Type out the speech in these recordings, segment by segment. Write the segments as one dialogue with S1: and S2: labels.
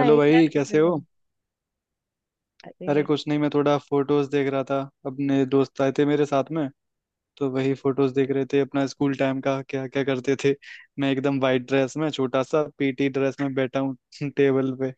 S1: Hello
S2: क्या
S1: भाई
S2: कर
S1: कैसे
S2: रहे
S1: हो।
S2: हो।
S1: अरे
S2: अरे।
S1: कुछ नहीं, मैं थोड़ा फोटोज देख रहा था। अपने दोस्त आए थे मेरे साथ में, तो वही फोटोज देख रहे थे, अपना स्कूल टाइम का क्या क्या करते थे। मैं एकदम वाइट ड्रेस में, छोटा सा पीटी ड्रेस में बैठा हूँ टेबल पे।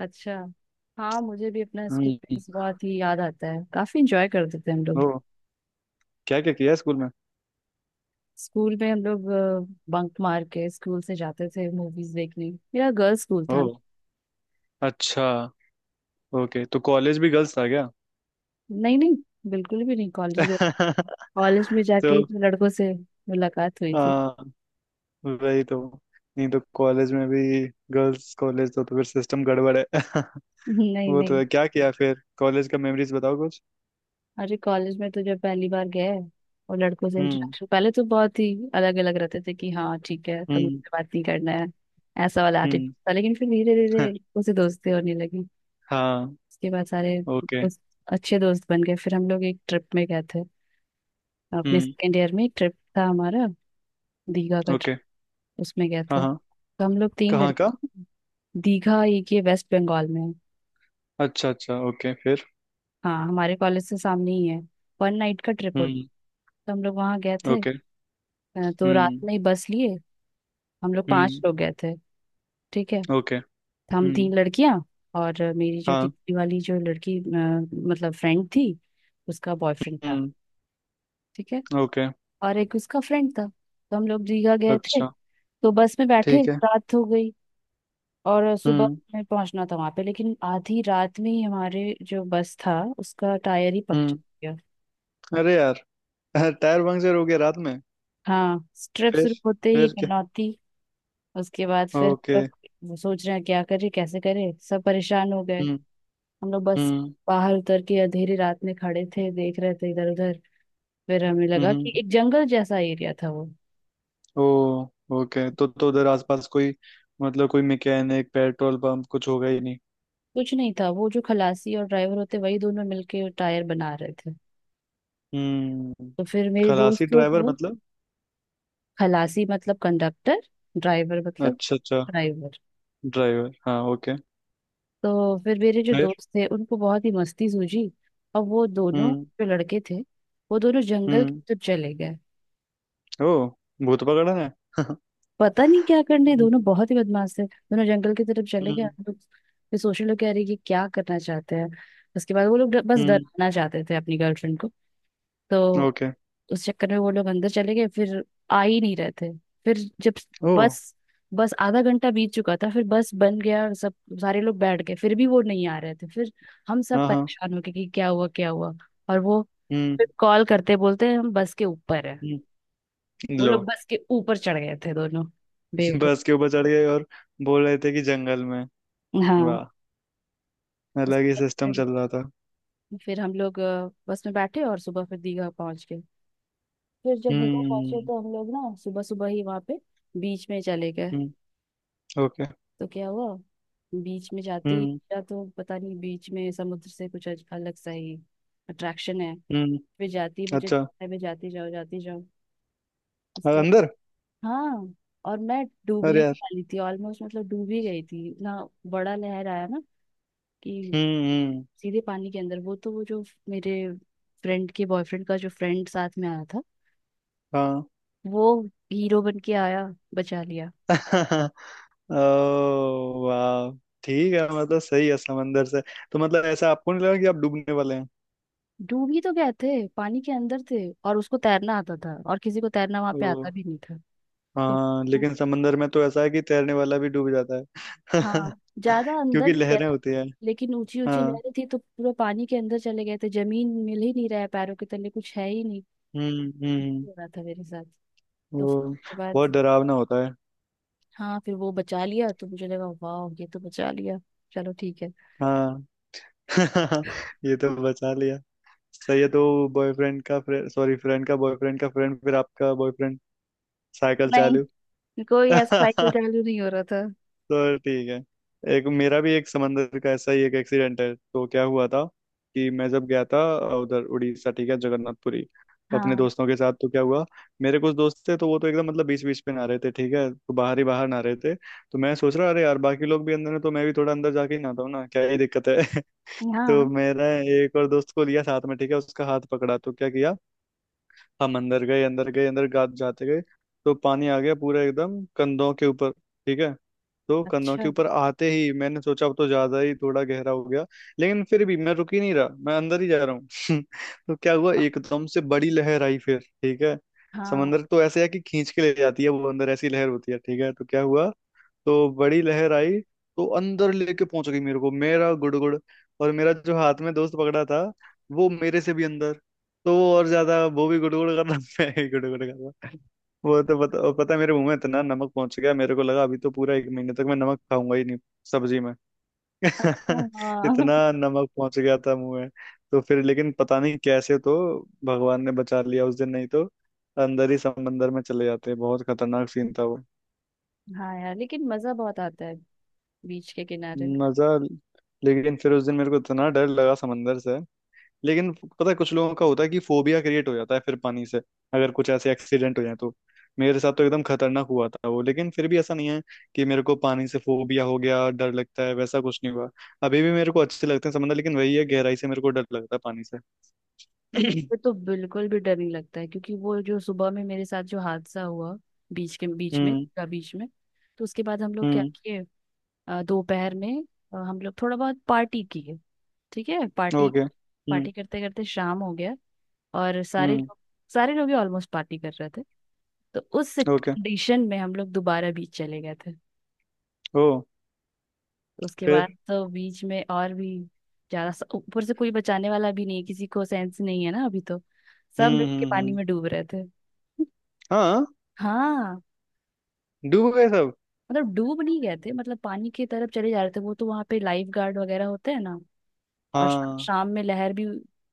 S2: अच्छा। हाँ, मुझे भी अपना स्कूल
S1: हम्म।
S2: फ्रेंड्स बहुत ही याद आता है। काफी इंजॉय करते थे हम
S1: ओ।
S2: लोग।
S1: क्या क्या किया स्कूल में?
S2: स्कूल में हम लोग बंक मार के स्कूल से जाते थे मूवीज देखने। मेरा गर्ल्स स्कूल
S1: ओ।
S2: था।
S1: अच्छा। ओके, तो कॉलेज भी गर्ल्स था क्या?
S2: नहीं, नहीं। बिल्कुल भी नहीं कॉलेज में। कॉलेज में जाके
S1: तो
S2: ही लड़कों से मुलाकात हुई थी।
S1: हाँ, वही तो। नहीं तो कॉलेज में भी गर्ल्स कॉलेज तो फिर सिस्टम गड़बड़ है।
S2: नहीं,
S1: वो तो
S2: नहीं।
S1: है। क्या किया फिर? कॉलेज का मेमोरीज बताओ कुछ।
S2: अरे, कॉलेज में तो जब पहली बार गए और लड़कों से
S1: हम्म।
S2: इंट्रोडक्शन पहले तो बहुत ही अलग अलग रहते थे, कि हाँ ठीक है तो
S1: हम्म।
S2: मुझसे बात नहीं करना है। ऐसा वाला
S1: हम्म।
S2: एटीट्यूड था, लेकिन फिर धीरे धीरे उसे दोस्ती होने लगी।
S1: हाँ।
S2: उसके बाद सारे
S1: ओके।
S2: उस अच्छे दोस्त बन गए। फिर हम लोग एक ट्रिप में गए थे। अपने
S1: हम्म।
S2: सेकेंड ईयर में एक ट्रिप था हमारा, दीघा का
S1: ओके।
S2: ट्रिप। उसमें गए
S1: हाँ
S2: थे
S1: हाँ।
S2: तो हम लोग तीन
S1: कहाँ का?
S2: लड़के थे। दीघा एक ये वेस्ट बंगाल में है।
S1: अच्छा अच्छा, ओके, फिर?
S2: हाँ, हमारे कॉलेज से सामने ही है। वन नाइट का ट्रिप होता,
S1: हम्म।
S2: तो हम लोग वहाँ गए थे।
S1: ओके।
S2: तो रात
S1: हम्म
S2: में ही बस लिए। हम लोग पांच
S1: हम्म।
S2: लोग गए थे। ठीक है।
S1: ओके।
S2: तो हम
S1: हम्म।
S2: तीन लड़कियां, और मेरी जो
S1: हाँ।
S2: तीसरी वाली जो लड़की मतलब फ्रेंड थी, उसका बॉयफ्रेंड था।
S1: हम्म।
S2: ठीक है।
S1: ओके।
S2: और एक उसका फ्रेंड था। तो हम लोग दीघा गए थे।
S1: अच्छा।
S2: तो बस में बैठे
S1: ठीक है।
S2: रात हो गई, और सुबह
S1: हम्म
S2: में पहुंचना था वहां पे। लेकिन आधी रात में ही हमारे जो बस था उसका टायर ही पंक्चर
S1: हम्म।
S2: हो गया।
S1: अरे यार। टायर पंक्चर हो गया रात में?
S2: हाँ, ट्रिप
S1: फिर?
S2: शुरू होते ही
S1: फिर क्या?
S2: पनौती। उसके बाद फिर
S1: ओके।
S2: हम लोग सोच रहे हैं क्या करें, कैसे करें, सब परेशान हो गए।
S1: हम्म
S2: हम लोग बस
S1: हम्म
S2: बाहर उतर के अंधेरी रात में खड़े थे, देख रहे थे इधर उधर। फिर हमें लगा
S1: हम्म।
S2: कि एक जंगल जैसा एरिया था वो।
S1: ओ। ओके, तो उधर आसपास कोई, मतलब कोई मैकेनिक पेट्रोल पंप कुछ होगा ही नहीं?
S2: कुछ नहीं था। वो जो खलासी और ड्राइवर होते वही दोनों मिलके टायर बना रहे थे।
S1: हम्म।
S2: तो फिर मेरे
S1: खलासी
S2: दोस्तों
S1: ड्राइवर
S2: को।
S1: मतलब?
S2: खलासी मतलब कंडक्टर। ड्राइवर मतलब
S1: अच्छा अच्छा।
S2: ड्राइवर।
S1: ड्राइवर हाँ, ओके।
S2: तो फिर मेरे जो
S1: फिर?
S2: दोस्त थे उनको बहुत ही मस्ती सूझी। और वो दोनों
S1: हम्म
S2: जो लड़के थे, वो दोनों जंगल की
S1: हम्म।
S2: तरफ चले गए।
S1: ओ। भूत पकड़न है।
S2: पता नहीं क्या करने,
S1: हम्म
S2: दोनों बहुत ही बदमाश थे। दोनों जंगल की तरफ चले गए।
S1: हम्म
S2: हम लोग फिर सोशल लोग कह रही कि क्या करना चाहते हैं। उसके बाद वो लोग बस
S1: हम्म।
S2: डराना चाहते थे अपनी गर्लफ्रेंड को। तो
S1: ओके।
S2: उस चक्कर में वो लोग अंदर चले गए। फिर आ ही नहीं रहे थे। फिर जब
S1: ओ।
S2: बस बस आधा घंटा बीत चुका था, फिर बस बन गया। और सब सारे लोग बैठ गए। फिर भी वो नहीं आ रहे थे। फिर हम सब
S1: हाँ हाँ।
S2: परेशान हो गए कि क्या हुआ, क्या हुआ। और वो
S1: हम्म
S2: फिर कॉल करते बोलते हैं हम बस के ऊपर है।
S1: हम्म।
S2: वो
S1: लो।
S2: लोग बस के ऊपर चढ़ गए थे दोनों बेवकूफ।
S1: बस के ऊपर चढ़ गए और बोल रहे थे कि जंगल में?
S2: हाँ।
S1: वाह,
S2: उसके
S1: अलग ही
S2: बाद
S1: सिस्टम
S2: फिर
S1: चल रहा था।
S2: फिर हम लोग बस में बैठे और सुबह फिर दीघा पहुंच गए। फिर जब दीघा पहुंचे
S1: हम्म
S2: तो हम लोग ना सुबह सुबह ही वहां पे बीच में चले गए।
S1: हम्म। ओके।
S2: तो क्या हुआ, बीच में जाते ही,
S1: हम्म
S2: या तो पता नहीं बीच में समुद्र से कुछ अलग सा ही अट्रैक्शन है।
S1: हम्म।
S2: फिर जाती ही मुझे,
S1: अच्छा।
S2: मैं जाती जाओ जाती जाओ।
S1: और
S2: उसके बाद,
S1: अंदर?
S2: हाँ, और मैं
S1: अरे
S2: डूबने ही
S1: यार।
S2: वाली थी। ऑलमोस्ट मतलब डूब ही गई थी। इतना बड़ा लहर आया ना, कि
S1: हम्म।
S2: सीधे पानी के अंदर। वो तो वो जो मेरे फ्रेंड के बॉयफ्रेंड का जो फ्रेंड साथ में आया था,
S1: हाँ।
S2: वो हीरो बन के आया, बचा लिया।
S1: ओ वाह। ठीक है, मतलब सही है। समंदर से तो मतलब ऐसा आपको नहीं लगा कि आप डूबने वाले हैं?
S2: डूब ही तो गए थे, पानी के अंदर थे। और उसको तैरना आता था, और किसी को तैरना वहां
S1: ओ।
S2: पे आता भी नहीं था। तो
S1: हाँ लेकिन समंदर में तो ऐसा है कि तैरने वाला भी डूब जाता है
S2: हाँ, ज्यादा अंदर
S1: क्योंकि
S2: नहीं गए
S1: लहरें
S2: थे,
S1: होती है।
S2: लेकिन ऊंची ऊंची
S1: हाँ।
S2: लहरें थी, तो पूरा पानी के अंदर चले गए थे। जमीन मिल ही नहीं रहा है पैरों के तले, कुछ है ही नहीं। ऐसे
S1: हम्म।
S2: हो रहा था मेरे साथ। तो फिर
S1: वो
S2: उसके बाद,
S1: बहुत डरावना होता है।
S2: हाँ, फिर वो बचा लिया तो मुझे लगा वाह ये तो बचा लिया, चलो ठीक है।
S1: हाँ। ये तो बचा लिया। सही है, तो बॉयफ्रेंड का, सॉरी, फ्रेंड का बॉयफ्रेंड का फ्रेंड, फिर आपका बॉयफ्रेंड, साइकिल चालू।
S2: नहीं, कोई ऐसा साइकिल चालू नहीं हो रहा था।
S1: तो ठीक है। एक मेरा भी एक समंदर का ऐसा ही एक एक्सीडेंट है, तो क्या हुआ था कि मैं जब गया था उधर उड़ीसा, ठीक है, जगन्नाथपुरी, अपने
S2: हाँ।
S1: दोस्तों के साथ, तो क्या हुआ, मेरे कुछ दोस्त थे तो वो तो एकदम मतलब बीच बीच पे नहा रहे थे, ठीक है, तो बाहर ही बाहर नहा रहे थे। तो मैं सोच रहा, अरे यार बाकी लोग भी अंदर है तो मैं भी थोड़ा अंदर जाके ही नहाता हूँ ना, क्या ही दिक्कत है। तो
S2: यहाँ।
S1: मेरा एक और दोस्त को लिया साथ में, ठीक है, उसका हाथ पकड़ा, तो क्या किया, हम अंदर गए, अंदर गए, जाते गए। तो पानी आ गया पूरा एकदम कंधों के ऊपर, ठीक है, तो कन्नौज के
S2: अच्छा।
S1: ऊपर आते ही मैंने सोचा अब तो ज्यादा ही थोड़ा गहरा हो गया, लेकिन फिर भी मैं रुक ही नहीं रहा, मैं अंदर ही जा रहा हूँ। तो क्या हुआ, एकदम से बड़ी लहर आई, फिर ठीक है,
S2: हाँ।
S1: समंदर तो ऐसे है कि खींच के ले जाती है वो अंदर, ऐसी लहर होती है, ठीक है, तो क्या हुआ, तो बड़ी लहर आई तो अंदर लेके पहुंच गई मेरे को, मेरा गुड़ गुड़। और मेरा जो हाथ में दोस्त पकड़ा था वो मेरे से भी अंदर, तो वो और ज्यादा, वो भी गुड़ गुड़ कर रहा मैं भी गुड़ गुड़ कर रहा। वो तो पता, और पता है मेरे मुंह में इतना नमक पहुंच गया, मेरे को लगा अभी तो पूरा एक महीने तक मैं नमक खाऊंगा ही नहीं सब्जी में।
S2: अच्छा। हाँ।
S1: इतना नमक पहुंच गया था मुंह में। तो फिर लेकिन पता नहीं कैसे तो भगवान ने बचा लिया उस दिन, नहीं तो अंदर ही समंदर में चले जाते, बहुत खतरनाक सीन था वो।
S2: हाँ यार, लेकिन मजा बहुत आता है बीच के किनारे।
S1: मजा लेकिन फिर उस दिन मेरे को इतना डर लगा समंदर से। लेकिन पता है, कुछ लोगों का होता है कि फोबिया क्रिएट हो जाता है फिर पानी से, अगर कुछ ऐसे एक्सीडेंट हो जाए तो। मेरे साथ तो एकदम खतरनाक हुआ था वो, लेकिन फिर भी ऐसा नहीं है कि मेरे को पानी से फोबिया हो गया, डर लगता है, वैसा कुछ नहीं हुआ। अभी भी मेरे को अच्छे लगते हैं समंदर, लेकिन वही है, गहराई से मेरे को डर लगता है पानी से।
S2: मुझे तो बिल्कुल भी डर नहीं लगता है, क्योंकि वो जो सुबह में मेरे साथ जो हादसा हुआ बीच के बीच में
S1: हम्म
S2: का बीच में। तो उसके बाद हम लोग क्या
S1: हम्म।
S2: किए, दोपहर में हम लोग थोड़ा बहुत पार्टी किए। ठीक है, पार्टी।
S1: ओके।
S2: पार्टी करते करते शाम हो गया। और
S1: हम्म।
S2: सारे लोग ही ऑलमोस्ट पार्टी कर रहे थे। तो उस
S1: ओके।
S2: कंडीशन में हम लोग दोबारा बीच चले गए थे।
S1: ओ।
S2: तो उसके
S1: फिर?
S2: बाद तो बीच में और भी ज्यादा ऊपर से कोई बचाने वाला भी नहीं है, किसी को सेंस नहीं है ना अभी तो। सब मिल के पानी
S1: हम्म।
S2: में डूब रहे थे।
S1: हाँ,
S2: हाँ,
S1: डूब गए सब।
S2: मतलब डूब नहीं गए थे, मतलब पानी की तरफ चले जा रहे थे। वो तो वहां पे लाइफ गार्ड वगैरह होते हैं ना। और
S1: हाँ
S2: शाम में लहर भी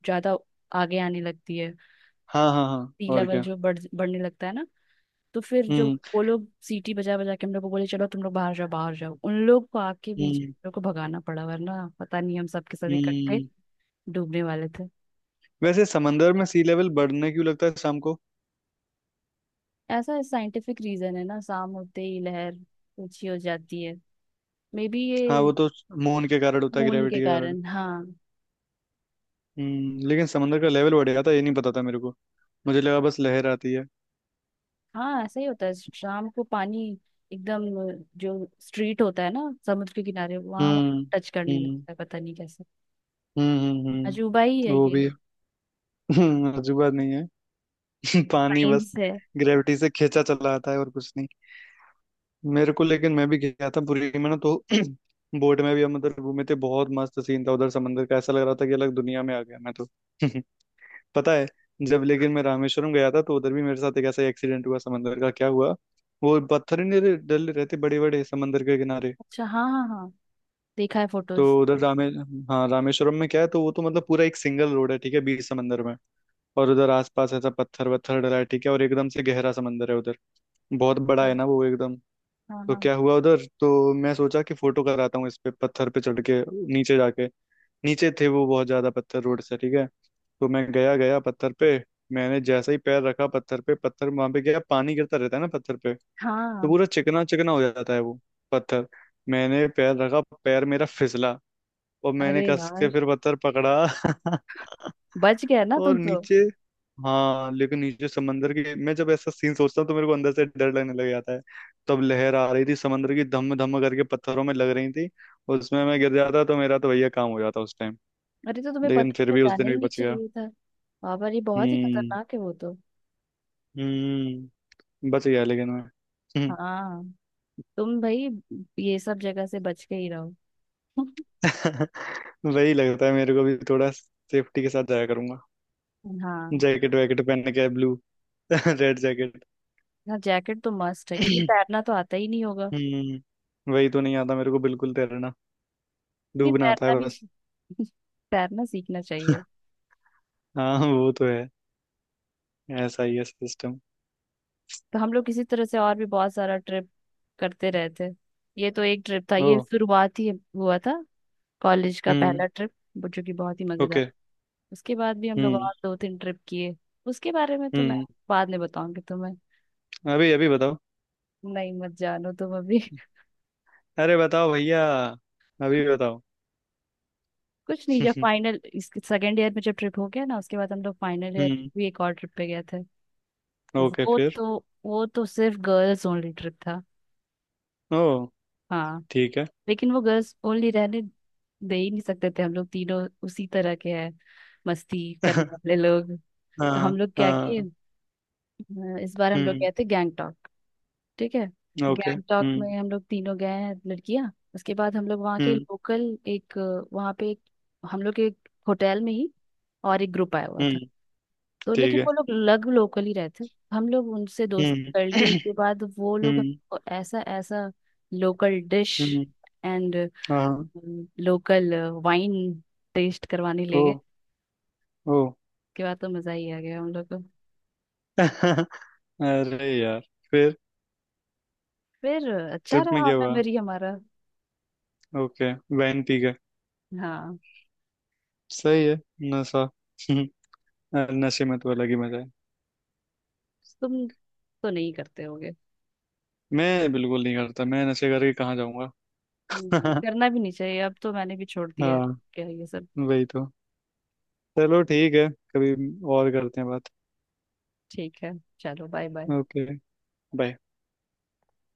S2: ज्यादा आगे आने लगती है।
S1: हाँ हाँ। हाँ,
S2: सी
S1: और
S2: लेवल
S1: क्या?
S2: जो बढ़ने लगता है ना। तो फिर जो
S1: हम्म
S2: वो लोग सीटी बजा बजा के हम लोग को बोले चलो तुम लोग बाहर जाओ, बाहर जाओ। उन लोग को आग के बीच
S1: हम्म
S2: हम लोग को भगाना पड़ा, वरना पता नहीं हम सब के सब इकट्ठे
S1: हम्म।
S2: डूबने वाले थे।
S1: वैसे समंदर में सी लेवल बढ़ने क्यों लगता है शाम को?
S2: ऐसा साइंटिफिक रीजन है ना, शाम होते ही लहर ऊंची हो जाती है। मे बी
S1: हाँ,
S2: ये
S1: वो तो मून के कारण होता है,
S2: खून के
S1: ग्रेविटी के कारण।
S2: कारण, हाँ।
S1: हम्म, लेकिन समंदर का लेवल बढ़ गया था ये नहीं पता था मेरे को, मुझे लगा बस लहर आती है।
S2: हाँ, ऐसा ही होता है शाम को। पानी एकदम जो स्ट्रीट होता है ना समुद्र के किनारे, वहां
S1: हम्म
S2: टच करने
S1: हम्म
S2: लगता है पता नहीं कैसे।
S1: हम्म हम्म हम्म,
S2: अजूबा ही है
S1: वो
S2: ये।
S1: भी है। अजूबा नहीं है। पानी बस
S2: साइंस है।
S1: ग्रेविटी से खींचा चला आता है और कुछ नहीं। मेरे को, लेकिन मैं भी गया था पुरी में ना। तो बोट में भी हम उधर घूमे थे, बहुत मस्त सीन था उधर समंदर का, ऐसा लग रहा था कि अलग दुनिया में आ गया मैं तो। पता है, जब लेकिन मैं रामेश्वरम गया था तो उधर भी मेरे साथ एक ऐसा एक्सीडेंट हुआ समंदर का। क्या हुआ, वो पत्थर ही नहीं रहे- डले रहते बड़े बड़े समंदर के किनारे।
S2: अच्छा। हाँ, हाँ, हाँ। देखा है
S1: तो
S2: फोटोज।
S1: उधर रामे हाँ, रामेश्वरम में क्या है, तो वो तो मतलब पूरा एक सिंगल रोड है, ठीक है, बीच समंदर में। और उधर आसपास ऐसा पत्थर वत्थर डला है, ठीक है, और एकदम से गहरा समंदर है उधर, बहुत बड़ा
S2: हाँ,
S1: है ना वो एकदम। तो
S2: हाँ,
S1: क्या हुआ उधर, तो मैं सोचा कि फोटो कराता हूँ इस पे पत्थर पे चढ़ के नीचे जाके। नीचे थे वो बहुत ज्यादा पत्थर रोड से, ठीक है, तो मैं गया गया पत्थर पे। मैंने जैसा ही पैर रखा पत्थर पे, पत्थर वहां पे गया, पानी गिरता रहता है ना पत्थर पे, तो
S2: हाँ।
S1: पूरा चिकना चिकना हो जाता है वो पत्थर। मैंने पैर रखा, पैर मेरा फिसला, और मैंने
S2: अरे
S1: कस
S2: यार,
S1: के फिर पत्थर पकड़ा।
S2: बच गया ना तुम
S1: और
S2: तो।
S1: नीचे, हाँ लेकिन नीचे समंदर की, मैं जब ऐसा सीन सोचता हूँ तो मेरे को अंदर से डर लगने लग जाता है। तब लहर आ रही थी समंदर की, धम धम करके पत्थरों में लग रही थी, उसमें मैं गिर जाता तो मेरा तो भैया काम हो जाता उस टाइम।
S2: अरे, तो तुम्हें
S1: लेकिन
S2: पता
S1: फिर
S2: में
S1: भी उस
S2: जाना
S1: दिन
S2: ही
S1: भी
S2: नहीं
S1: बच गया।
S2: चाहिए था। बाबा, ये बहुत ही
S1: हम्म
S2: खतरनाक है वो तो।
S1: हम्म। बच गया लेकिन मैं। हम्म।
S2: हाँ, तुम भाई ये सब जगह से बच के ही रहो।
S1: वही लगता है मेरे को भी, थोड़ा सेफ्टी के साथ जाया करूंगा।
S2: हाँ।
S1: जैकेट वैकेट पहन के, ब्लू रेड जैकेट।
S2: ना, जैकेट तो मस्ट है, क्योंकि तैरना तो आता ही नहीं होगा।
S1: हम्म, वही तो नहीं आता मेरे को बिल्कुल तैरना।
S2: लेकिन
S1: डूबना आता है
S2: तैरना भी,
S1: बस।
S2: तैरना सीखना चाहिए।
S1: हाँ वो तो है, ऐसा ही है सिस्टम।
S2: तो हम लोग किसी तरह से और भी बहुत सारा ट्रिप करते रहे थे। ये तो एक ट्रिप था,
S1: ओ।
S2: ये शुरुआत ही हुआ था, कॉलेज का
S1: हम्म।
S2: पहला ट्रिप, जो कि बहुत ही मजेदार।
S1: ओके।
S2: उसके बाद भी हम लोग
S1: हम्म
S2: और दो तीन ट्रिप किए। उसके बारे में तो मैं
S1: हम्म।
S2: बाद में बताऊंगी तुम्हें।
S1: अभी अभी बताओ।
S2: नहीं, मत जानो तुम अभी।
S1: अरे बताओ भैया, अभी बताओ।
S2: कुछ नहीं, जब फाइनल इसके सेकेंड ईयर में जब ट्रिप हो गया ना, उसके बाद हम लोग फाइनल ईयर
S1: हम्म।
S2: भी एक और ट्रिप पे गए थे।
S1: ओके,
S2: वो
S1: फिर?
S2: तो वो तो सिर्फ गर्ल्स ओनली ट्रिप था।
S1: ओ।
S2: हाँ।
S1: ठीक है।
S2: लेकिन वो गर्ल्स ओनली रहने दे ही नहीं सकते थे, हम लोग तीनों उसी तरह के हैं, मस्ती करने वाले लोग। तो हम
S1: हाँ।
S2: लोग क्या किए,
S1: हाँ।
S2: इस बार हम लोग
S1: हम्म।
S2: गए थे गैंगटॉक। ठीक है।
S1: ओके।
S2: गैंगटॉक में हम लोग तीनों गए हैं लड़कियां। उसके बाद हम लोग वहाँ के
S1: हम्म
S2: लोकल एक वहाँ पे एक हम लोग के होटल में ही और एक ग्रुप आया हुआ था।
S1: हम्म।
S2: तो
S1: ठीक
S2: लेकिन
S1: है।
S2: वो लोग लग लोकल ही रहते। हम लोग उनसे दोस्ती
S1: हम्म
S2: कर लिए। उसके बाद वो लोग
S1: हम्म
S2: हमको ऐसा ऐसा लोकल डिश
S1: हम्म।
S2: एंड
S1: हाँ।
S2: लोकल वाइन टेस्ट करवाने
S1: ओ।
S2: ले गए।
S1: ओ।
S2: उसके बाद तो मजा ही आ गया हम लोग को।
S1: अरे यार। फिर?
S2: फिर अच्छा
S1: ट्रिप में
S2: रहा
S1: क्या हुआ?
S2: मेमोरी हमारा।
S1: ओके, वैन पी गए।
S2: हाँ,
S1: सही है, नशा। नशे में तो अलग ही मजा है।
S2: तुम तो नहीं करते हो?
S1: मैं बिल्कुल नहीं करता, मैं नशे करके कहाँ जाऊंगा?
S2: करना भी नहीं चाहिए, अब तो मैंने भी छोड़ दिया है
S1: हाँ,
S2: क्या ये सब।
S1: वही तो। चलो ठीक है, कभी और करते हैं बात।
S2: ठीक है, चलो बाय बाय।
S1: ओके। बाय।